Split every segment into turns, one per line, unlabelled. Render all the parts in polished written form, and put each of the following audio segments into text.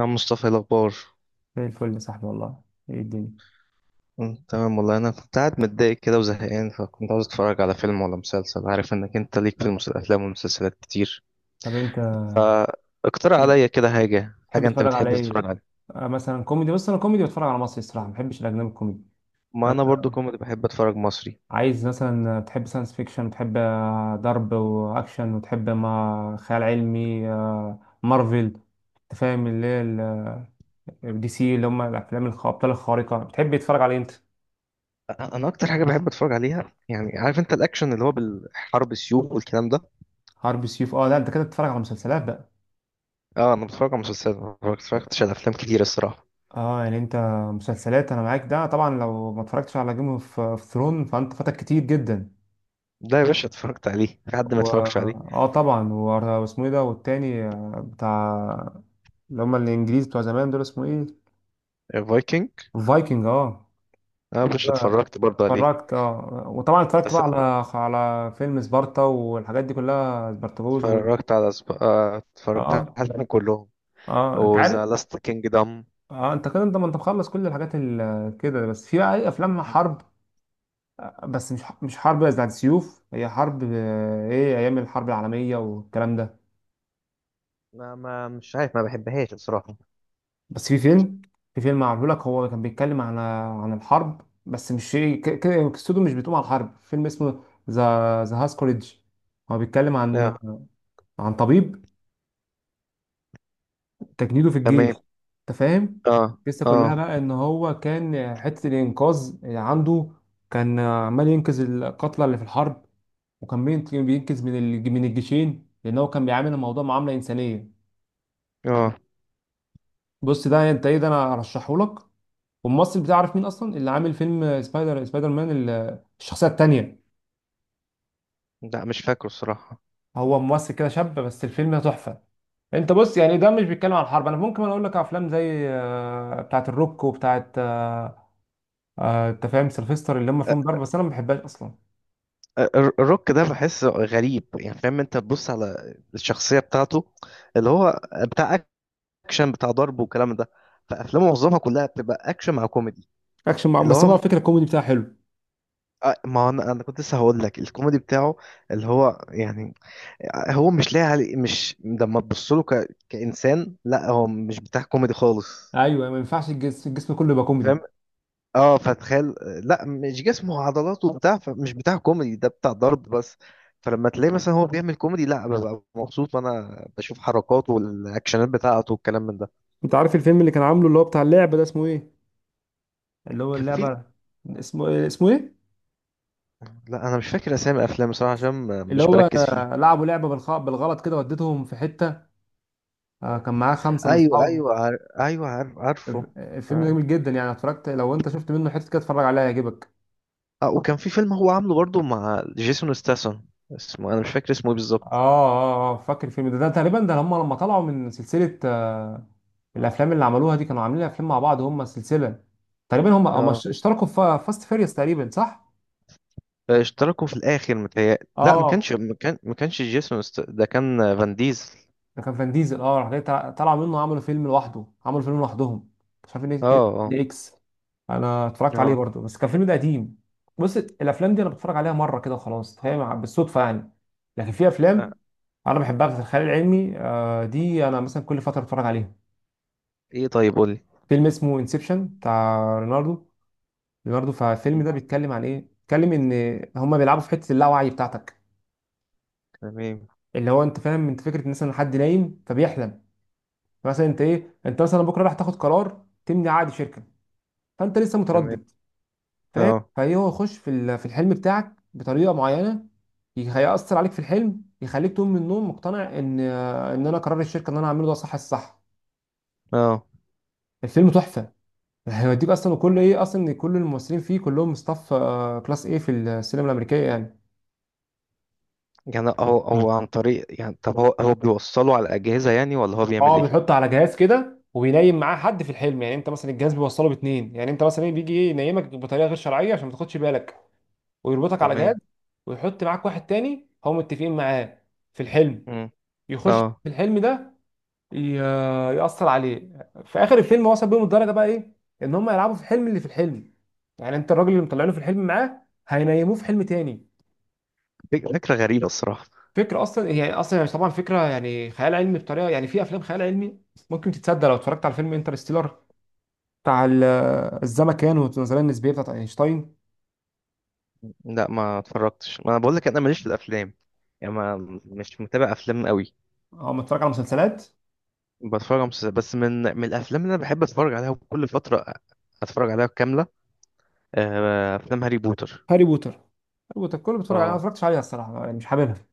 يا مصطفى، إيه الأخبار؟
زي الفل يا صاحبي والله. ايه الدنيا؟
تمام والله. أنا كنت قاعد متضايق كده وزهقان، فكنت عاوز أتفرج على فيلم ولا مسلسل. عارف إنك أنت ليك في الأفلام والمسلسلات كتير.
طب انت
فاقترح
تحب
عليا كده حاجة
تحب
حاجة أنت
تتفرج على
بتحب
ايه؟
تتفرج عليها.
مثلا كوميدي، بس انا كوميدي بتفرج على مصري، الصراحه ما بحبش الاجنبي الكوميدي.
ما
أنت
أنا برضو كوميدي، بحب أتفرج مصري.
عايز مثلا، تحب ساينس فيكشن وتحب ضرب واكشن، وتحب ما خيال علمي، مارفل. انت فاهم اللي هي دي سي، اللي هم الافلام الابطال الخارقه. بتحب تتفرج على إيه انت؟
أنا أكتر حاجة بحب أتفرج عليها، يعني عارف أنت، الأكشن اللي هو بالحرب، السيوف والكلام ده.
حرب سيوف؟ اه لا، انت كده بتتفرج على مسلسلات بقى.
أه، أنا بتفرج على مسلسلات، ما اتفرجتش على أفلام كتير الصراحة.
اه يعني انت مسلسلات انا معاك، ده طبعا لو ما اتفرجتش على جيم اوف ثرون فانت فاتك كتير جدا.
ده يا باشا اتفرجت عليه، في حد ما
و
اتفرجش عليه؟
اه طبعا واسمه ايه ده، والتاني بتاع اللي هم الانجليز بتوع زمان دول، اسمه ايه؟
فايكنج.
الفايكنج، اه.
أه يا باشا،
لا،
اتفرجت برضه عليه.
اتفرجت اه. وطبعا اتفرجت بقى على على فيلم سبارتا والحاجات دي كلها، سبارتاكوس وال...
اتفرجت على سب... آه،
اه
اتفرجت
اه.
عليهم كلهم.
انت عارف،
وذا لاست كينجدم.
اه انت كده انت، ما انت مخلص كل الحاجات كده. بس في بقى ايه، افلام حرب، بس مش حرب بتاعت سيوف، هي حرب ايه، ايام الحرب العالميه والكلام ده.
ما مش عارف، ما بحبهاش الصراحة.
بس في فيلم معمول لك، هو كان بيتكلم عن الحرب، بس مش قصته مش بتقوم على الحرب. فيلم اسمه ذا هاس كوليدج. هو بيتكلم عن
لا.
طبيب تجنيده في
تمام.
الجيش، انت فاهم.
اه،
القصه كلها
اه،
بقى ان هو كان حته الانقاذ اللي عنده، كان عمال ينقذ القتلى اللي في الحرب، وكان بينقذ من من الجيشين، لان هو كان بيعامل الموضوع معامله انسانيه.
اه.
بص ده انت ايه ده، انا ارشحه لك. والممثل بتعرف مين اصلا اللي عامل فيلم سبايدر، مان، الشخصيه التانيه،
لا، مش فاكره الصراحة.
هو ممثل كده شاب، بس الفيلم ده تحفه. انت بص يعني ده مش بيتكلم عن الحرب. انا ممكن اقول لك افلام زي بتاعه الروك وبتاعه انت فاهم، سيلفستر، اللي هم
آه،
فيهم ضرب بس انا ما بحبهاش اصلا.
آه، الروك ده بحسه غريب، يعني فاهم؟ انت تبص على الشخصية بتاعته، اللي هو بتاع اكشن، بتاع ضرب والكلام ده. فافلامه معظمها كلها بتبقى اكشن مع كوميدي.
اكشن مع...
اللي
بس
هو
هو الفكره الكوميدي بتاعه حلو.
ما هو انا كنت لسه هقول لك الكوميدي بتاعه، اللي هو يعني، هو مش لاقي علي، مش لما تبص له كإنسان. لا، هو مش بتاع كوميدي خالص.
ايوه ما ينفعش الجسم كله يبقى كوميدي.
فاهم؟ اه، فتخيل. لا، مش جسمه وعضلاته وبتاع، فمش بتاع كوميدي، ده بتاع ضرب بس. فلما تلاقي مثلا هو بيعمل كوميدي، لا، ببقى مبسوط وانا بشوف حركاته والاكشنات بتاعته والكلام من ده.
انت عارف الفيلم اللي كان عامله اللي هو بتاع اللعبه ده اسمه ايه، اللي هو
كان في.
اللعبه، اسمه ايه،
لا، انا مش فاكر اسامي افلام بصراحه، عشان
اللي
مش
هو
بركز فيه.
لعبوا لعبه بالغلط كده وديتهم في حته، كان معاه خمسه من
ايوه
صحابه.
ايوه ايوه عارف، عارفه.
الفيلم ده
آه.
جميل جدا يعني، اتفرجت، لو انت شفت منه حته كده اتفرج عليها هيعجبك.
اه، وكان في فيلم هو عامله برضه مع جيسون ستاثام. اسمه انا مش فاكر اسمه ايه
اه
بالظبط.
اه اه فاكر الفيلم ده، ده تقريبا ده هم لما طلعوا من سلسلة الافلام اللي عملوها دي، كانوا عاملين افلام مع بعض هم السلسلة تقريبا، هم
اه،
اشتركوا في فاست فيريوس تقريبا، صح؟
اشتركوا في الاخر متهيألي، لا، ما
اه
كانش ما كان ما كانش جيسون ده كان فان ديزل.
ده كان فان ديزل، اه. راح جاي طلعوا منه، عملوا فيلم لوحده، عملوا فيلم لوحدهم، مش عارف
اه،
ايه كان،
اه،
دي اكس. انا اتفرجت عليه
اه.
برضه، بس كان فيلم ده قديم. بص الافلام دي انا بتفرج عليها مره كده وخلاص، هي بالصدفه يعني. لكن في
آه،
افلام انا بحبها في الخيال العلمي، دي انا مثلا كل فتره بتفرج عليها.
ايه؟ طيب قولي.
فيلم اسمه انسبشن بتاع ليوناردو، فالفيلم
مم.
ده بيتكلم عن ايه، بيتكلم ان هما بيلعبوا في حته اللاوعي بتاعتك،
تمام.
اللي هو انت فاهم انت فكره ان مثلا حد نايم فبيحلم. مثلا انت ايه، انت مثلا بكره راح تاخد قرار، تمني عقد شركه، فانت لسه
تمام.
متردد، فاهم؟
اه.
فهي هو يخش في في الحلم بتاعك بطريقه معينه، هيأثر عليك في الحلم، يخليك تقوم من النوم مقتنع ان ان انا قرار الشركه ان انا هعمله ده صح الصح.
اه،
الفيلم تحفه، هيوديك اصلا، وكل ايه اصلا، إن كل الممثلين فيه كلهم ستاف كلاس ايه في السينما الامريكيه يعني.
يعني هو عن طريق يعني، طب هو بيوصله على الأجهزة يعني، ولا هو بيعمل
اه
ايه؟
بيحط على جهاز كده وبينيم معاه حد في الحلم، يعني انت مثلا الجهاز بيوصله باتنين، يعني انت مثلا إيه، بيجي ايه، ينيمك بطريقه غير شرعيه عشان ما تاخدش بالك، ويربطك على جهاز،
تمام.
ويحط معاك واحد تاني هم متفقين معاه في الحلم،
مم.
يخش
اه.
في الحلم ده، يأثر عليه. في اخر الفيلم وصل بيهم الدرجه بقى ايه، ان هم يلعبوا في الحلم اللي في الحلم، يعني انت الراجل اللي مطلعينه في الحلم معاه، هينيموه في حلم تاني.
فكرة غريبة الصراحة.
فكرة أصلا، هي أصلا طبعا فكرة يعني خيال علمي بطريقة، يعني في أفلام خيال علمي ممكن تتصدق. لو اتفرجت على فيلم انترستيلر بتاع الزمكان والنظرية النسبية بتاعت أينشتاين.
لا ما اتفرجتش، ما انا بقول لك انا ماليش في الافلام، يعني ما. مش متابع افلام قوي.
أو متفرج على مسلسلات.
بتفرج على مسلسلات بس. من الافلام اللي انا بحب اتفرج عليها كل فترة، اتفرج عليها كاملة، افلام هاري بوتر.
هاري بوتر كله بتفرج عليها، أنا ما
اه.
اتفرجتش عليها الصراحة يعني، مش حاببها.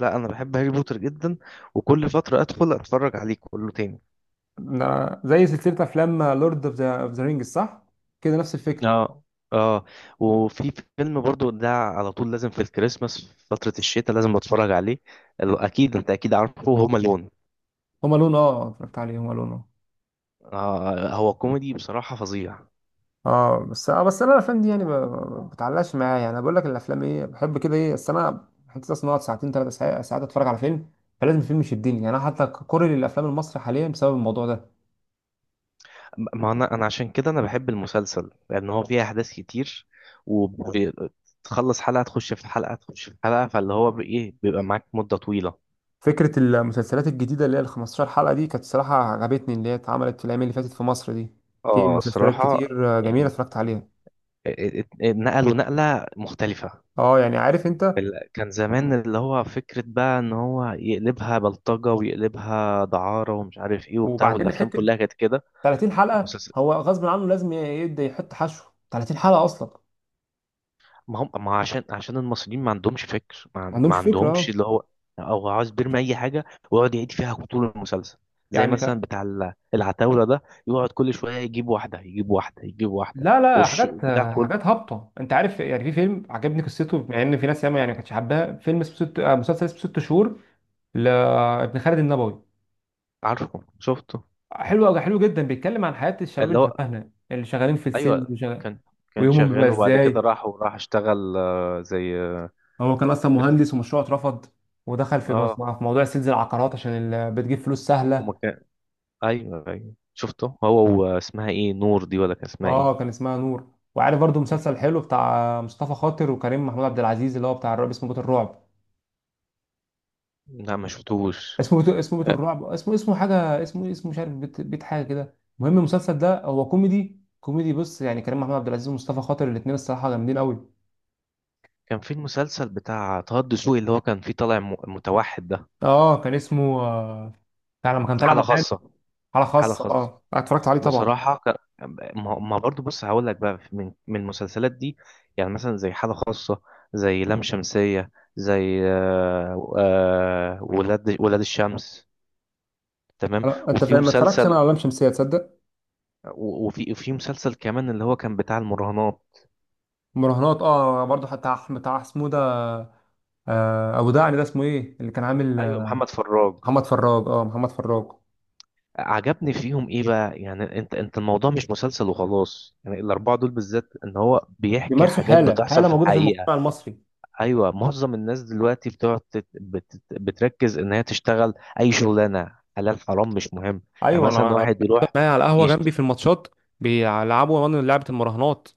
لا، انا بحب هاري بوتر جدا، وكل فتره ادخل اتفرج عليه كله تاني.
ده زي سلسلة أفلام لورد أوف ذا رينجز، صح؟ كده نفس الفكرة.
اه، اه. وفي فيلم برضو ده على طول لازم في الكريسماس، في فتره الشتاء لازم اتفرج عليه. اكيد انت، اكيد عارفه، هوم الون.
هما لون، أه اتفرجت عليه هما لون.
آه، هو كوميدي بصراحه فظيع.
اه بس اه بس انا الافلام دي يعني ما بتعلقش معايا، يعني انا بقول لك الافلام ايه بحب كده ايه، بس انا حتى اصلا اقعد ساعتين ثلاث ساعات اتفرج على فيلم، فلازم الفيلم يشدني. يعني انا حتى كوري للافلام المصري حاليا بسبب الموضوع ده.
ما انا عشان كده انا بحب المسلسل، لان هو فيه احداث كتير، وتخلص حلقه تخش في حلقه تخش في حلقه. فاللي هو بايه، بيبقى معاك مده طويله.
فكره المسلسلات الجديده اللي هي ال 15 حلقه دي كانت صراحه عجبتني، اللي هي اتعملت في الايام اللي فاتت في مصر دي. في
اه
مسلسلات
الصراحه.
كتير جميله
يعني
اتفرجت عليها.
ات- نقلوا نقلة مختلفة.
اه يعني عارف انت،
كان زمان اللي هو فكرة بقى ان هو يقلبها بلطجة ويقلبها دعارة ومش عارف ايه وبتاع،
وبعدين
والافلام
حته
كلها كانت كده.
30 حلقه،
المسلسل
هو غصب عنه لازم يبدا يحط حشو، 30 حلقه اصلا،
ما هم، ما عشان المصريين ما عندهمش فكر، ما،
ما
ما
عندهمش فكره اه
عندهمش اللي هو، او عاوز بيرمي اي حاجة ويقعد يعيد فيها طول المسلسل. زي
يعني.
مثلا بتاع العتاولة ده، يقعد كل شوية يجيب واحدة يجيب واحدة يجيب واحدة
لا لا،
والش
حاجات
بتاع كله.
حاجات هابطه انت عارف يعني. في فيلم عجبني قصته، مع ان في ناس ياما يعني ما كانتش حباها، فيلم اسمه ست، مسلسل اسمه ست شهور لابن خالد النبوي.
عارفه، شفته.
حلو قوي، حلو جدا. بيتكلم عن حياه الشباب
اللي
اللي
هو،
شبهنا اللي شغالين في السيلز
ايوه. كان. كان
ويومهم بيبقى
شغال، وبعد كده
ازاي.
راح وراح اشتغل زي
هو كان اصلا
بت...
مهندس ومشروعه اترفض، ودخل في
اه
في موضوع سيلز العقارات عشان بتجيب فلوس
وما
سهله.
كان. ايوه ايوه شفته. هو واسمها ايه، نور دي ولا كان اسمها ايه؟
اه كان اسمها نور. وعارف برضو مسلسل حلو بتاع مصطفى خاطر وكريم محمود عبد العزيز، اللي هو بتاع الرعب، اسمه بيت الرعب،
لا ما شفتوش.
اسمه بيت، اسمه بيت
آه،
الرعب، اسمه حاجه، اسمه مش عارف، بيت، بيت حاجه كده. المهم المسلسل ده هو كوميدي كوميدي، بص يعني كريم محمود عبد العزيز ومصطفى خاطر الاثنين الصراحه جامدين قوي.
كان في المسلسل بتاع طه الدسوقي اللي هو كان فيه طالع متوحد ده.
اه كان اسمه بتاع لما كان طالع
حالة
محامي.
خاصة.
حاله
حالة
خاصه،
خاصة.
اه أنا اتفرجت عليه طبعا.
بصراحة ما برضو، بص هقول لك بقى من المسلسلات دي، يعني مثلا زي حالة خاصة، زي لام شمسية، زي ولاد الشمس. تمام.
انت
وفي
فاهم، ما اتفرجتش انا
مسلسل،
على لام شمسيه تصدق.
وفي مسلسل كمان اللي هو كان بتاع المراهنات.
مراهنات اه برضه حتى، بتاع اسمه ده ابو دعني، ده اسمه ايه اللي كان عامل،
ايوه، محمد فراج.
محمد فراج، اه محمد فراج.
عجبني فيهم ايه بقى يعني؟ انت الموضوع مش مسلسل وخلاص يعني. الاربعه دول بالذات، ان هو بيحكي
بيمارسوا
حاجات
حاله،
بتحصل في
موجوده في
الحقيقه.
المجتمع المصري.
ايوه، معظم الناس دلوقتي بتقعد بتركز ان هي تشتغل اي شغلانه، حلال حرام مش مهم. يعني
ايوه انا
مثلا واحد يروح
معايا على القهوه
يشت...
جنبي في الماتشات بيلعبوا من لعبه المراهنات.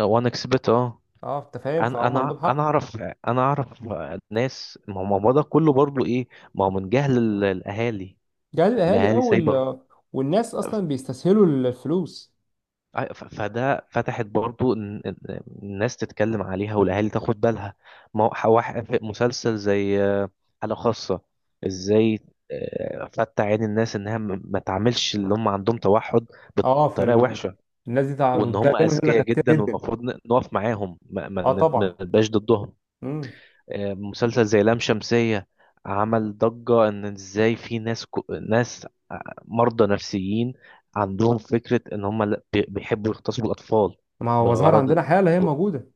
وان اكسبت، اه.
اه انت فاهم،
انا،
فهم عندهم
انا
حق.
اعرف، انا اعرف ناس. ما هو ده كله برضو ايه، ما هو من جهل الاهالي.
جهل الاهالي اه،
الاهالي سايبه.
وال... والناس اصلا بيستسهلوا الفلوس.
فده فتحت برضو إن الناس تتكلم عليها والاهالي تاخد بالها. ما هو في مسلسل زي حالة خاصة، ازاي فتح عين الناس انها ما تعملش اللي هم عندهم توحد
اه في
بطريقة
ال...
وحشة،
الناس دي
وان هم
دايما يقول لك
اذكياء
كتير
جدا
جدا.
والمفروض نقف معاهم ما
اه
ما
طبعا.
نبقاش ضدهم.
امم
مسلسل زي لام شمسية عمل ضجة، ان ازاي في ناس ناس مرضى نفسيين عندهم فكرة ان هم بيحبوا يغتصبوا الاطفال
ما هو ظهر
بغرض.
عندنا حاله هي موجوده.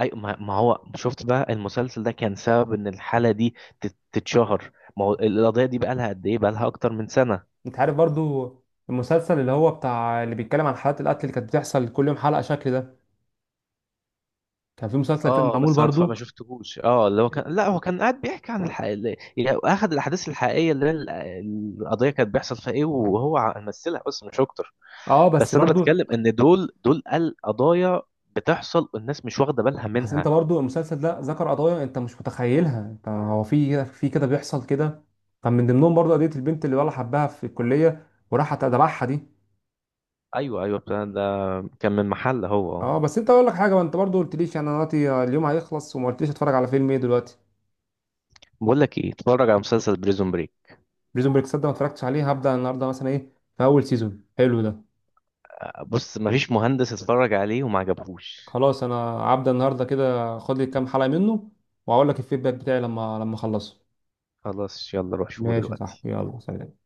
اي، ما هو شفت بقى المسلسل ده كان سبب ان الحالة دي تتشهر. ما هو القضية دي بقى لها قد ايه؟ بقى لها اكتر من سنة.
انت عارف برضو المسلسل اللي هو بتاع اللي بيتكلم عن حالات القتل اللي كانت بتحصل كل يوم حلقه شكل ده، كان في مسلسل كده
اه
معمول
بس انا ما
برضو.
شفتهوش. اه، اللي هو كان، لا هو كان قاعد بيحكي عن الحقيقة، يعني اخذ الاحداث الحقيقية اللي هي القضية، كانت بيحصل فيها ايه وهو مثلها بس مش اكتر.
اه بس
بس انا
برضو.
بتكلم ان دول القضايا بتحصل والناس مش واخده بالها
بس انت
منها.
برضو المسلسل ده ذكر قضايا انت مش متخيلها، انت هو في كده بيحصل كده. كان من ضمنهم برضو قضية البنت اللي ولا حبها في الكلية وراحت ادبحها دي.
ايوه، ايوه بتاع ده. كان من محل، هو اه.
اه بس انت اقول لك حاجة، ما انت برضو قلت ليش، يعني انا دلوقتي اليوم هيخلص وما قلتليش اتفرج على فيلم ايه دلوقتي.
بقول لك ايه، اتفرج على مسلسل بريزون بريك.
بريزون بريك، صدق ما اتفرجتش عليه، هبدأ النهارده مثلا ايه، في اول سيزون حلو ده.
بص مفيش مهندس اتفرج عليه وما عجبهوش.
خلاص انا هبدأ النهارده كده، خد لي كام حلقة منه واقول لك الفيدباك بتاعي لما اخلصه.
خلاص، يلا روح شوفه
ماشي يا
دلوقتي.
صاحبي، يلا سلام.